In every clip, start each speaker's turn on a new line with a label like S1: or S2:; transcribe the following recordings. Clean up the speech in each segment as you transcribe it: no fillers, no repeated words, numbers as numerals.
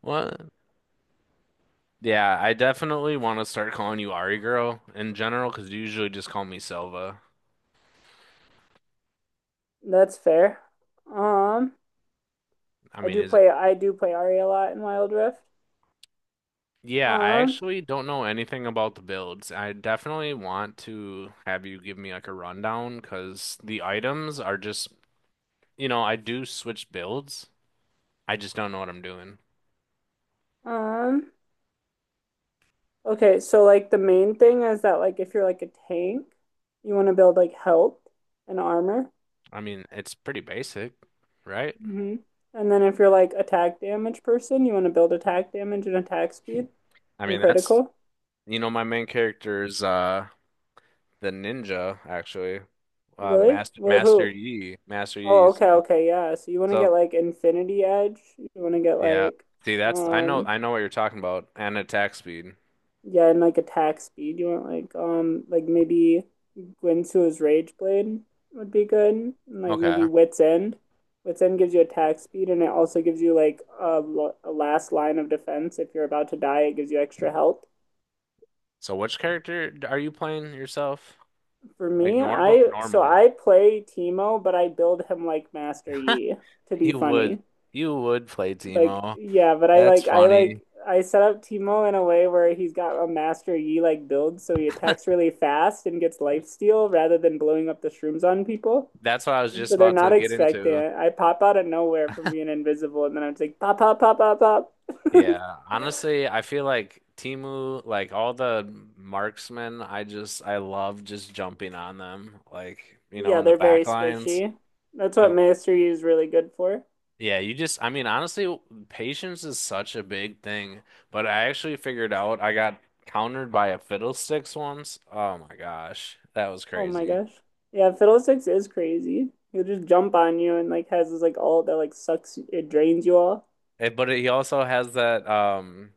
S1: What? Yeah, I definitely want to start calling you Ari girl in general because you usually just call me Silva.
S2: That's fair. Um,
S1: I
S2: I
S1: mean,
S2: do
S1: is it?
S2: play I do play Ari a lot in Wild Rift.
S1: Yeah, I
S2: Um,
S1: actually don't know anything about the builds. I definitely want to have you give me like a rundown because the items are just. I do switch builds. I just don't know what I'm doing.
S2: um, okay, so like the main thing is that like if you're like a tank, you want to build like health and armor.
S1: I mean, it's pretty basic, right?
S2: Hmm. And then if you're like attack damage person, you want to build attack damage and attack speed
S1: I
S2: and
S1: mean,
S2: critical.
S1: my main character is the ninja actually.
S2: Really?
S1: Master
S2: What
S1: Master
S2: who?
S1: Yi,
S2: Oh,
S1: So
S2: okay, okay, yeah. So you want to get
S1: so
S2: like Infinity Edge. You want to get
S1: Yeah.
S2: like
S1: See, that's I know
S2: um
S1: I know what you're talking about. And attack speed.
S2: yeah, and like attack speed. You want like maybe Gwinsu's Rage Blade would be good. And, like
S1: Okay.
S2: maybe Wit's End. Wit's End gives you attack speed and it also gives you like a last line of defense. If you're about to die, it gives you extra health.
S1: So which character are you playing yourself?
S2: For
S1: Like
S2: me,
S1: normal normally.
S2: I play Teemo, but I build him like Master Yi to be
S1: You would
S2: funny.
S1: you would play
S2: Like,
S1: Teemo.
S2: yeah, but
S1: That's funny.
S2: I set up Teemo in a way where he's got a Master Yi like build, so he attacks really fast and gets lifesteal rather than blowing up the shrooms on people.
S1: That's what I was
S2: And
S1: just
S2: so they're
S1: about to
S2: not
S1: get
S2: expecting
S1: into.
S2: it. I pop out of nowhere from being invisible, and then I'm just like pop, pop, pop, pop, pop.
S1: Yeah. Honestly, I feel like Teemu, like all the marksmen, I love just jumping on them. Like, you know,
S2: Yeah,
S1: in the
S2: they're very
S1: back lines.
S2: squishy. That's what
S1: I,
S2: Master Yi is really good for.
S1: Yeah, you just, I mean, honestly, patience is such a big thing. But I actually figured out I got countered by a fiddlesticks once. Oh my gosh, that was
S2: Oh my
S1: crazy.
S2: gosh. Yeah, Fiddlesticks is crazy. He'll just jump on you and like has this like ult that like sucks it drains you all.
S1: Eh, but he also has that um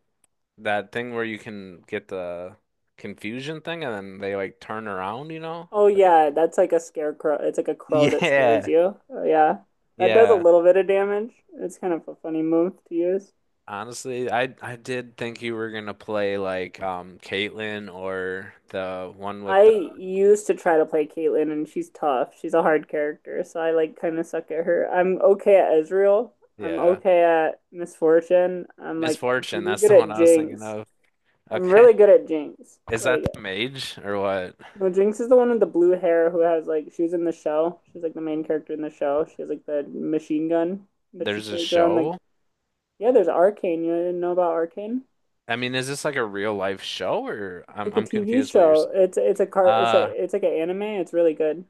S1: that thing where you can get the confusion thing, and then they like turn around, you know?
S2: Oh yeah, that's like a scarecrow. It's like a crow that scares
S1: Yeah,
S2: you. Oh yeah. That does a
S1: yeah.
S2: little bit of damage. It's kind of a funny move to use.
S1: Honestly, I did think you were gonna play like Caitlyn or the one with
S2: I
S1: the
S2: used to try to play Caitlyn and she's tough. She's a hard character, so I like kind of suck at her. I'm okay at Ezreal. I'm
S1: yeah.
S2: okay at Misfortune. I'm like
S1: Misfortune,
S2: pretty
S1: that's
S2: good
S1: the one
S2: at
S1: I was thinking
S2: Jinx.
S1: of.
S2: I'm
S1: Okay.
S2: really good at Jinx.
S1: Is that
S2: Like
S1: the Mage or what?
S2: no, Jinx is the one with the blue hair who has like she was in the show. She's like the main character in the show. She has like the machine gun that she
S1: There's a
S2: carries around like
S1: show?
S2: yeah, there's Arcane. You didn't know about Arcane?
S1: I mean, is this like a real life show or
S2: It's
S1: I'm
S2: like a
S1: I'm
S2: TV
S1: confused what you're
S2: show.
S1: saying.
S2: It's a car. It's a
S1: Uh,
S2: it's like an anime. It's really good.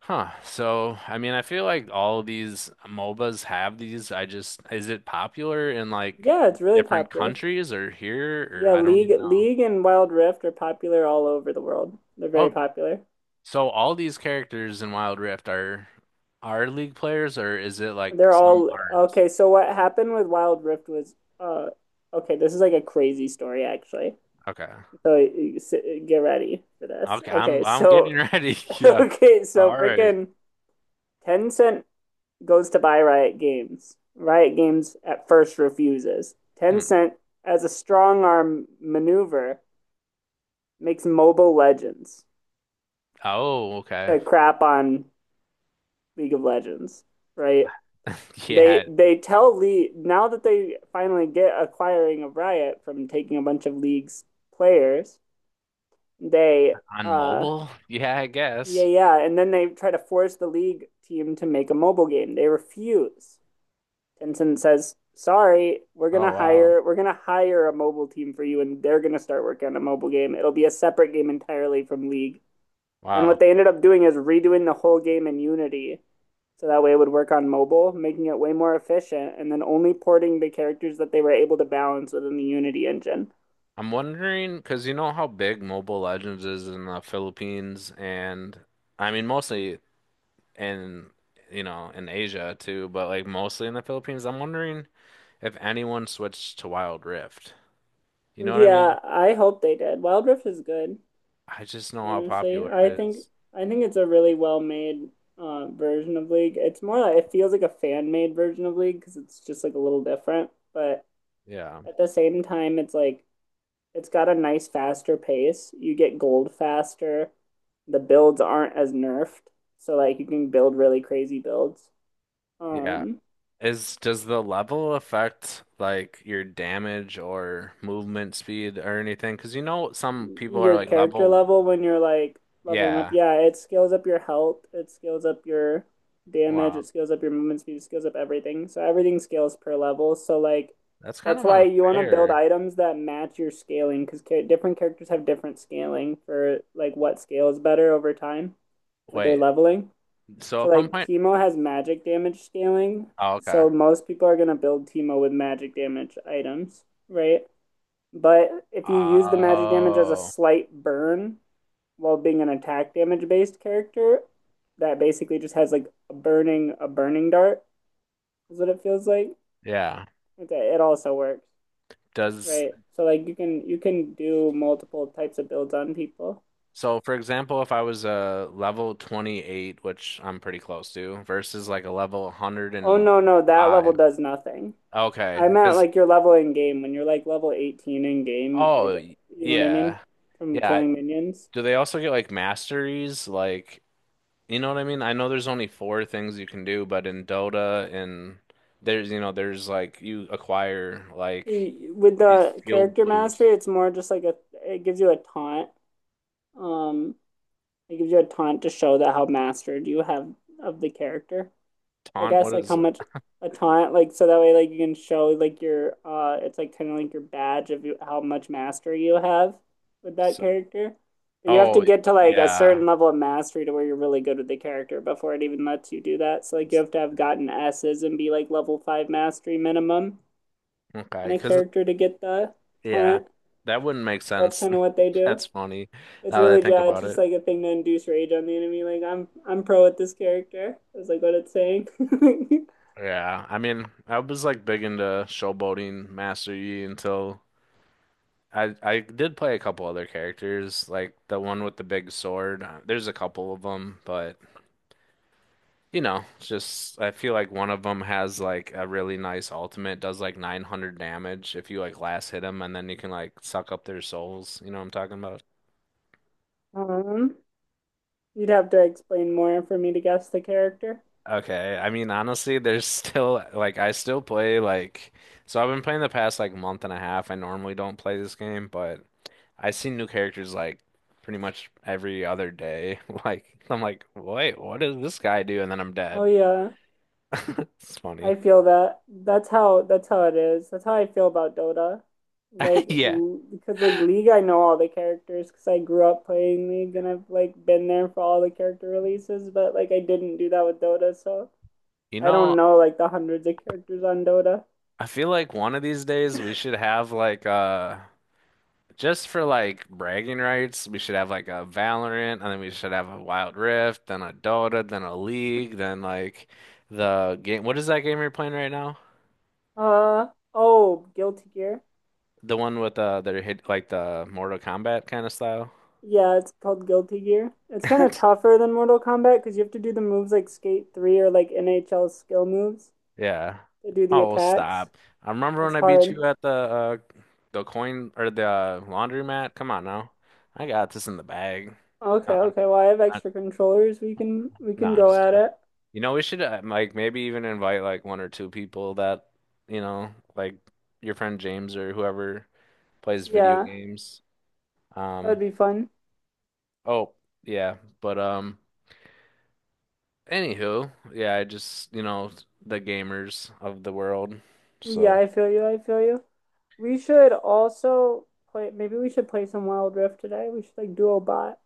S1: huh. So, I mean, I feel like all these MOBAs have these. I just Is it popular in like
S2: Yeah, it's really
S1: different
S2: popular.
S1: countries or here or
S2: Yeah,
S1: I don't
S2: League
S1: even know?
S2: League and Wild Rift are popular all over the world. They're very
S1: Oh,
S2: popular.
S1: so all these characters in Wild Rift are League players or is it like
S2: They're
S1: some
S2: all
S1: aren't?
S2: okay. So what happened with Wild Rift was okay. This is like a crazy story actually.
S1: Okay.
S2: So you get ready for this.
S1: Okay, I'm
S2: Okay,
S1: I'm getting
S2: so
S1: ready. Yeah.
S2: okay, so
S1: All right.
S2: freaking Tencent goes to buy Riot Games. Riot Games at first refuses.
S1: Hmm.
S2: Tencent, as a strong arm maneuver, makes Mobile Legends
S1: Oh, okay.
S2: to crap on League of Legends, right?
S1: Yeah,
S2: They tell Lee now that they finally get acquiring of Riot from taking a bunch of League's players, they
S1: on
S2: uh
S1: mobile? Yeah, I guess.
S2: yeah yeah, and then they try to force the League team to make a mobile game. They refuse. Tencent says, "Sorry,
S1: Oh, wow.
S2: we're gonna hire a mobile team for you, and they're gonna start working on a mobile game. It'll be a separate game entirely from League." And what
S1: Wow.
S2: they ended up doing is redoing the whole game in Unity, so that way it would work on mobile, making it way more efficient, and then only porting the characters that they were able to balance within the Unity engine.
S1: I'm wondering because you know how big Mobile Legends is in the Philippines and I mean mostly in in Asia too, but like mostly in the Philippines. I'm wondering if anyone switched to Wild Rift. You know what I mean?
S2: Yeah, I hope they did. Wild Rift is good,
S1: I just know how
S2: honestly.
S1: popular
S2: I
S1: it
S2: think
S1: is.
S2: I think it's a really well-made version of League. It's more like it feels like a fan-made version of League because it's just like a little different, but
S1: Yeah.
S2: at the same time, it's like it's got a nice faster pace. You get gold faster. The builds aren't as nerfed, so like you can build really crazy builds.
S1: Yeah.
S2: Um,
S1: Is Does the level affect like your damage or movement speed or anything? Because you know some people are
S2: your
S1: like
S2: character
S1: level
S2: level when you're like leveling up.
S1: Yeah.
S2: Yeah, it scales up your health, it scales up your damage, it
S1: Wow.
S2: scales up your movement speed, it scales up everything. So everything scales per level. So like
S1: That's kind
S2: that's
S1: of
S2: why you want to build
S1: unfair.
S2: items that match your scaling because ca different characters have different scaling for like what scales better over time with their
S1: Wait.
S2: leveling.
S1: So
S2: So
S1: if I'm
S2: like
S1: playing,
S2: Teemo has magic damage scaling.
S1: oh, okay.
S2: So most people are gonna build Teemo with magic damage items, right? But if you use the magic damage as a
S1: Oh,
S2: slight burn while being an attack damage based character, that basically just has like a burning dart is what it feels like.
S1: yeah.
S2: Okay, it also works,
S1: Does
S2: right? So like you can do multiple types of builds on people.
S1: So for example, if I was a level 28, which I'm pretty close to, versus like a level
S2: Oh no no that level
S1: 105.
S2: does nothing.
S1: Okay.
S2: I meant
S1: Because
S2: like your level in game when you're like level 18 in game, like
S1: oh,
S2: you know what I mean
S1: yeah.
S2: from
S1: Yeah.
S2: killing minions.
S1: Do they also get like masteries? Like, you know what I mean? I know there's only four things you can do, but in Dota and there's, you know, there's like you acquire like
S2: With
S1: these
S2: the
S1: skill
S2: character
S1: boost.
S2: mastery, it's more just like a it gives you a taunt. Um, it gives you a taunt to show that how mastered you have of the character. I
S1: Taunt, what
S2: guess like how
S1: is
S2: much a taunt like so that way like you can show like your it's like kind of like your badge of you, how much mastery you have with that
S1: so,
S2: character. But you have to
S1: oh
S2: get to like a
S1: yeah.
S2: certain level of mastery to where you're really good with the character before it even lets you do that. So like you have to have gotten S's and be like level five mastery minimum
S1: Okay,
S2: on a
S1: because
S2: character to get the
S1: yeah.
S2: taunt.
S1: That wouldn't make
S2: That's
S1: sense.
S2: kind of what they do.
S1: That's funny
S2: It's
S1: now that I
S2: really
S1: think
S2: yeah, it's
S1: about
S2: just
S1: it.
S2: like a thing to induce rage on the enemy. Like I'm pro at this character. Is like what it's saying.
S1: Yeah. I mean, I was like big into showboating Master Yi until I did play a couple other characters, like the one with the big sword. There's a couple of them, but you know, it's just I feel like one of them has like a really nice ultimate, does like 900 damage if you like last hit them, and then you can like suck up their souls. You know what I'm talking about?
S2: Um, you'd have to explain more for me to guess the character.
S1: Okay, I mean honestly, there's still like I still play like so I've been playing the past like month and a half. I normally don't play this game, but I see new characters like pretty much every other day. Like I'm like, wait, what does this guy do? And then I'm
S2: Oh
S1: dead.
S2: yeah,
S1: It's funny.
S2: I feel that. That's how it is. That's how I feel about Dota. Like
S1: Yeah.
S2: because like League, I know all the characters because I grew up playing League and I've like been there for all the character releases, but like I didn't do that with Dota, so
S1: You
S2: I don't
S1: know,
S2: know like the hundreds of characters on Dota.
S1: I feel like one of these days we should have like just for like bragging rights, we should have like a Valorant and then we should have a Wild Rift, then a Dota, then a League, then like the game, what is that game you're playing right now?
S2: Uh oh, Guilty Gear.
S1: The one with that hit like the Mortal Kombat kind of style?
S2: Yeah, it's called Guilty Gear. It's kind of tougher than Mortal Kombat because you have to do the moves like Skate 3 or like NHL skill moves
S1: Yeah.
S2: to do the
S1: Oh,
S2: attacks.
S1: stop. I remember
S2: It's
S1: when I beat
S2: hard.
S1: you at the coin or the laundromat. Come on now. I got this in the bag.
S2: Okay,
S1: No,
S2: okay. Well, I have extra controllers. We can we
S1: nah,
S2: can
S1: I'm
S2: go
S1: just
S2: at
S1: joking.
S2: it.
S1: You know, we should like maybe even invite like one or two people that, you know, like your friend James or whoever plays video
S2: Yeah,
S1: games.
S2: that'd
S1: Um,
S2: be fun.
S1: oh, yeah, but anywho, yeah, I just, you know, the gamers of the world.
S2: Yeah,
S1: So,
S2: I feel you. I feel you. We should also play. Maybe we should play some Wild Rift today. We should like duo bot.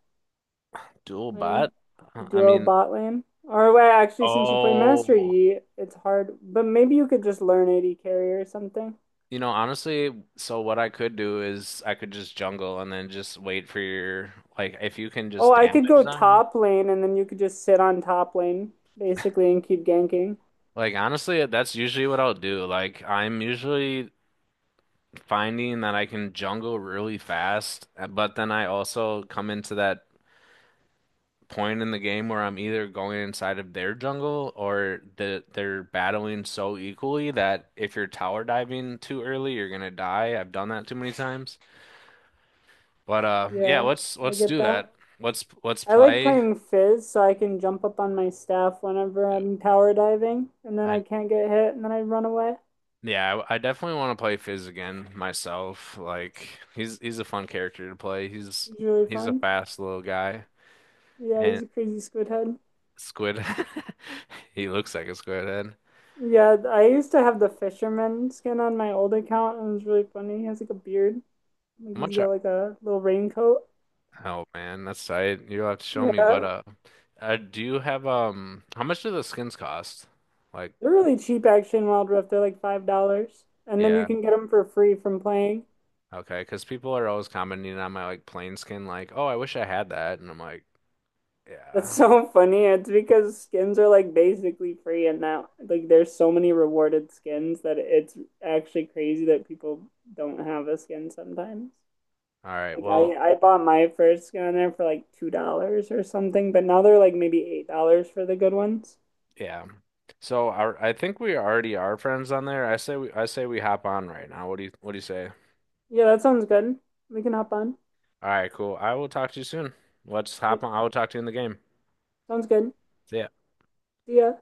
S1: dual bot?
S2: Lane,
S1: I
S2: duo
S1: mean,
S2: bot lane. Or wait, actually, since you play Master
S1: oh,
S2: Yi, it's hard. But maybe you could just learn AD carry or something.
S1: you know, honestly, so what I could do is I could just jungle and then just wait for your like if you can
S2: Oh,
S1: just
S2: I could
S1: damage
S2: go
S1: them.
S2: top lane, and then you could just sit on top lane basically and keep ganking.
S1: Like honestly, that's usually what I'll do. Like I'm usually finding that I can jungle really fast, but then I also come into that point in the game where I'm either going inside of their jungle or the, they're battling so equally that if you're tower diving too early, you're gonna die. I've done that too many times. But yeah,
S2: Yeah, I
S1: let's
S2: get
S1: do
S2: that.
S1: that. Let's
S2: I like
S1: play.
S2: playing Fizz so I can jump up on my staff whenever I'm tower diving, and then
S1: I
S2: I can't get hit, and then I run away.
S1: Yeah, I definitely want to play Fizz again myself. Like he's a fun character to play.
S2: It's really
S1: He's a
S2: fun.
S1: fast little guy
S2: Yeah, he's
S1: and
S2: a crazy squid head.
S1: squid. He looks like a squid head.
S2: Yeah, I used to have the fisherman skin on my old account, and it was really funny. He has like a beard. Like
S1: How
S2: he's
S1: much?
S2: got like a little raincoat.
S1: Oh man, that's tight. You'll have to show me. But
S2: Yeah.
S1: do you have? How much do the skins cost? Like
S2: They're really cheap actually in Wild Rift. They're like $5, and then you
S1: yeah,
S2: can get them for free from playing.
S1: okay. Because people are always commenting on my like plain skin. Like oh, I wish I had that. And I'm like
S2: That's
S1: yeah.
S2: so funny. It's because skins are like basically free, and now like there's so many rewarded skins that it's actually crazy that people don't have a skin sometimes.
S1: All right.
S2: Like
S1: Well,
S2: I bought my first skin on there for like $2 or something, but now they're like maybe $8 for the good ones.
S1: yeah. So I think we already are friends on there. I say we hop on right now. What do you say?
S2: Yeah, that sounds good. We can hop on.
S1: All right, cool. I will talk to you soon. Let's
S2: Right.
S1: hop on. I will talk to you in the game.
S2: Sounds good.
S1: See ya.
S2: See ya.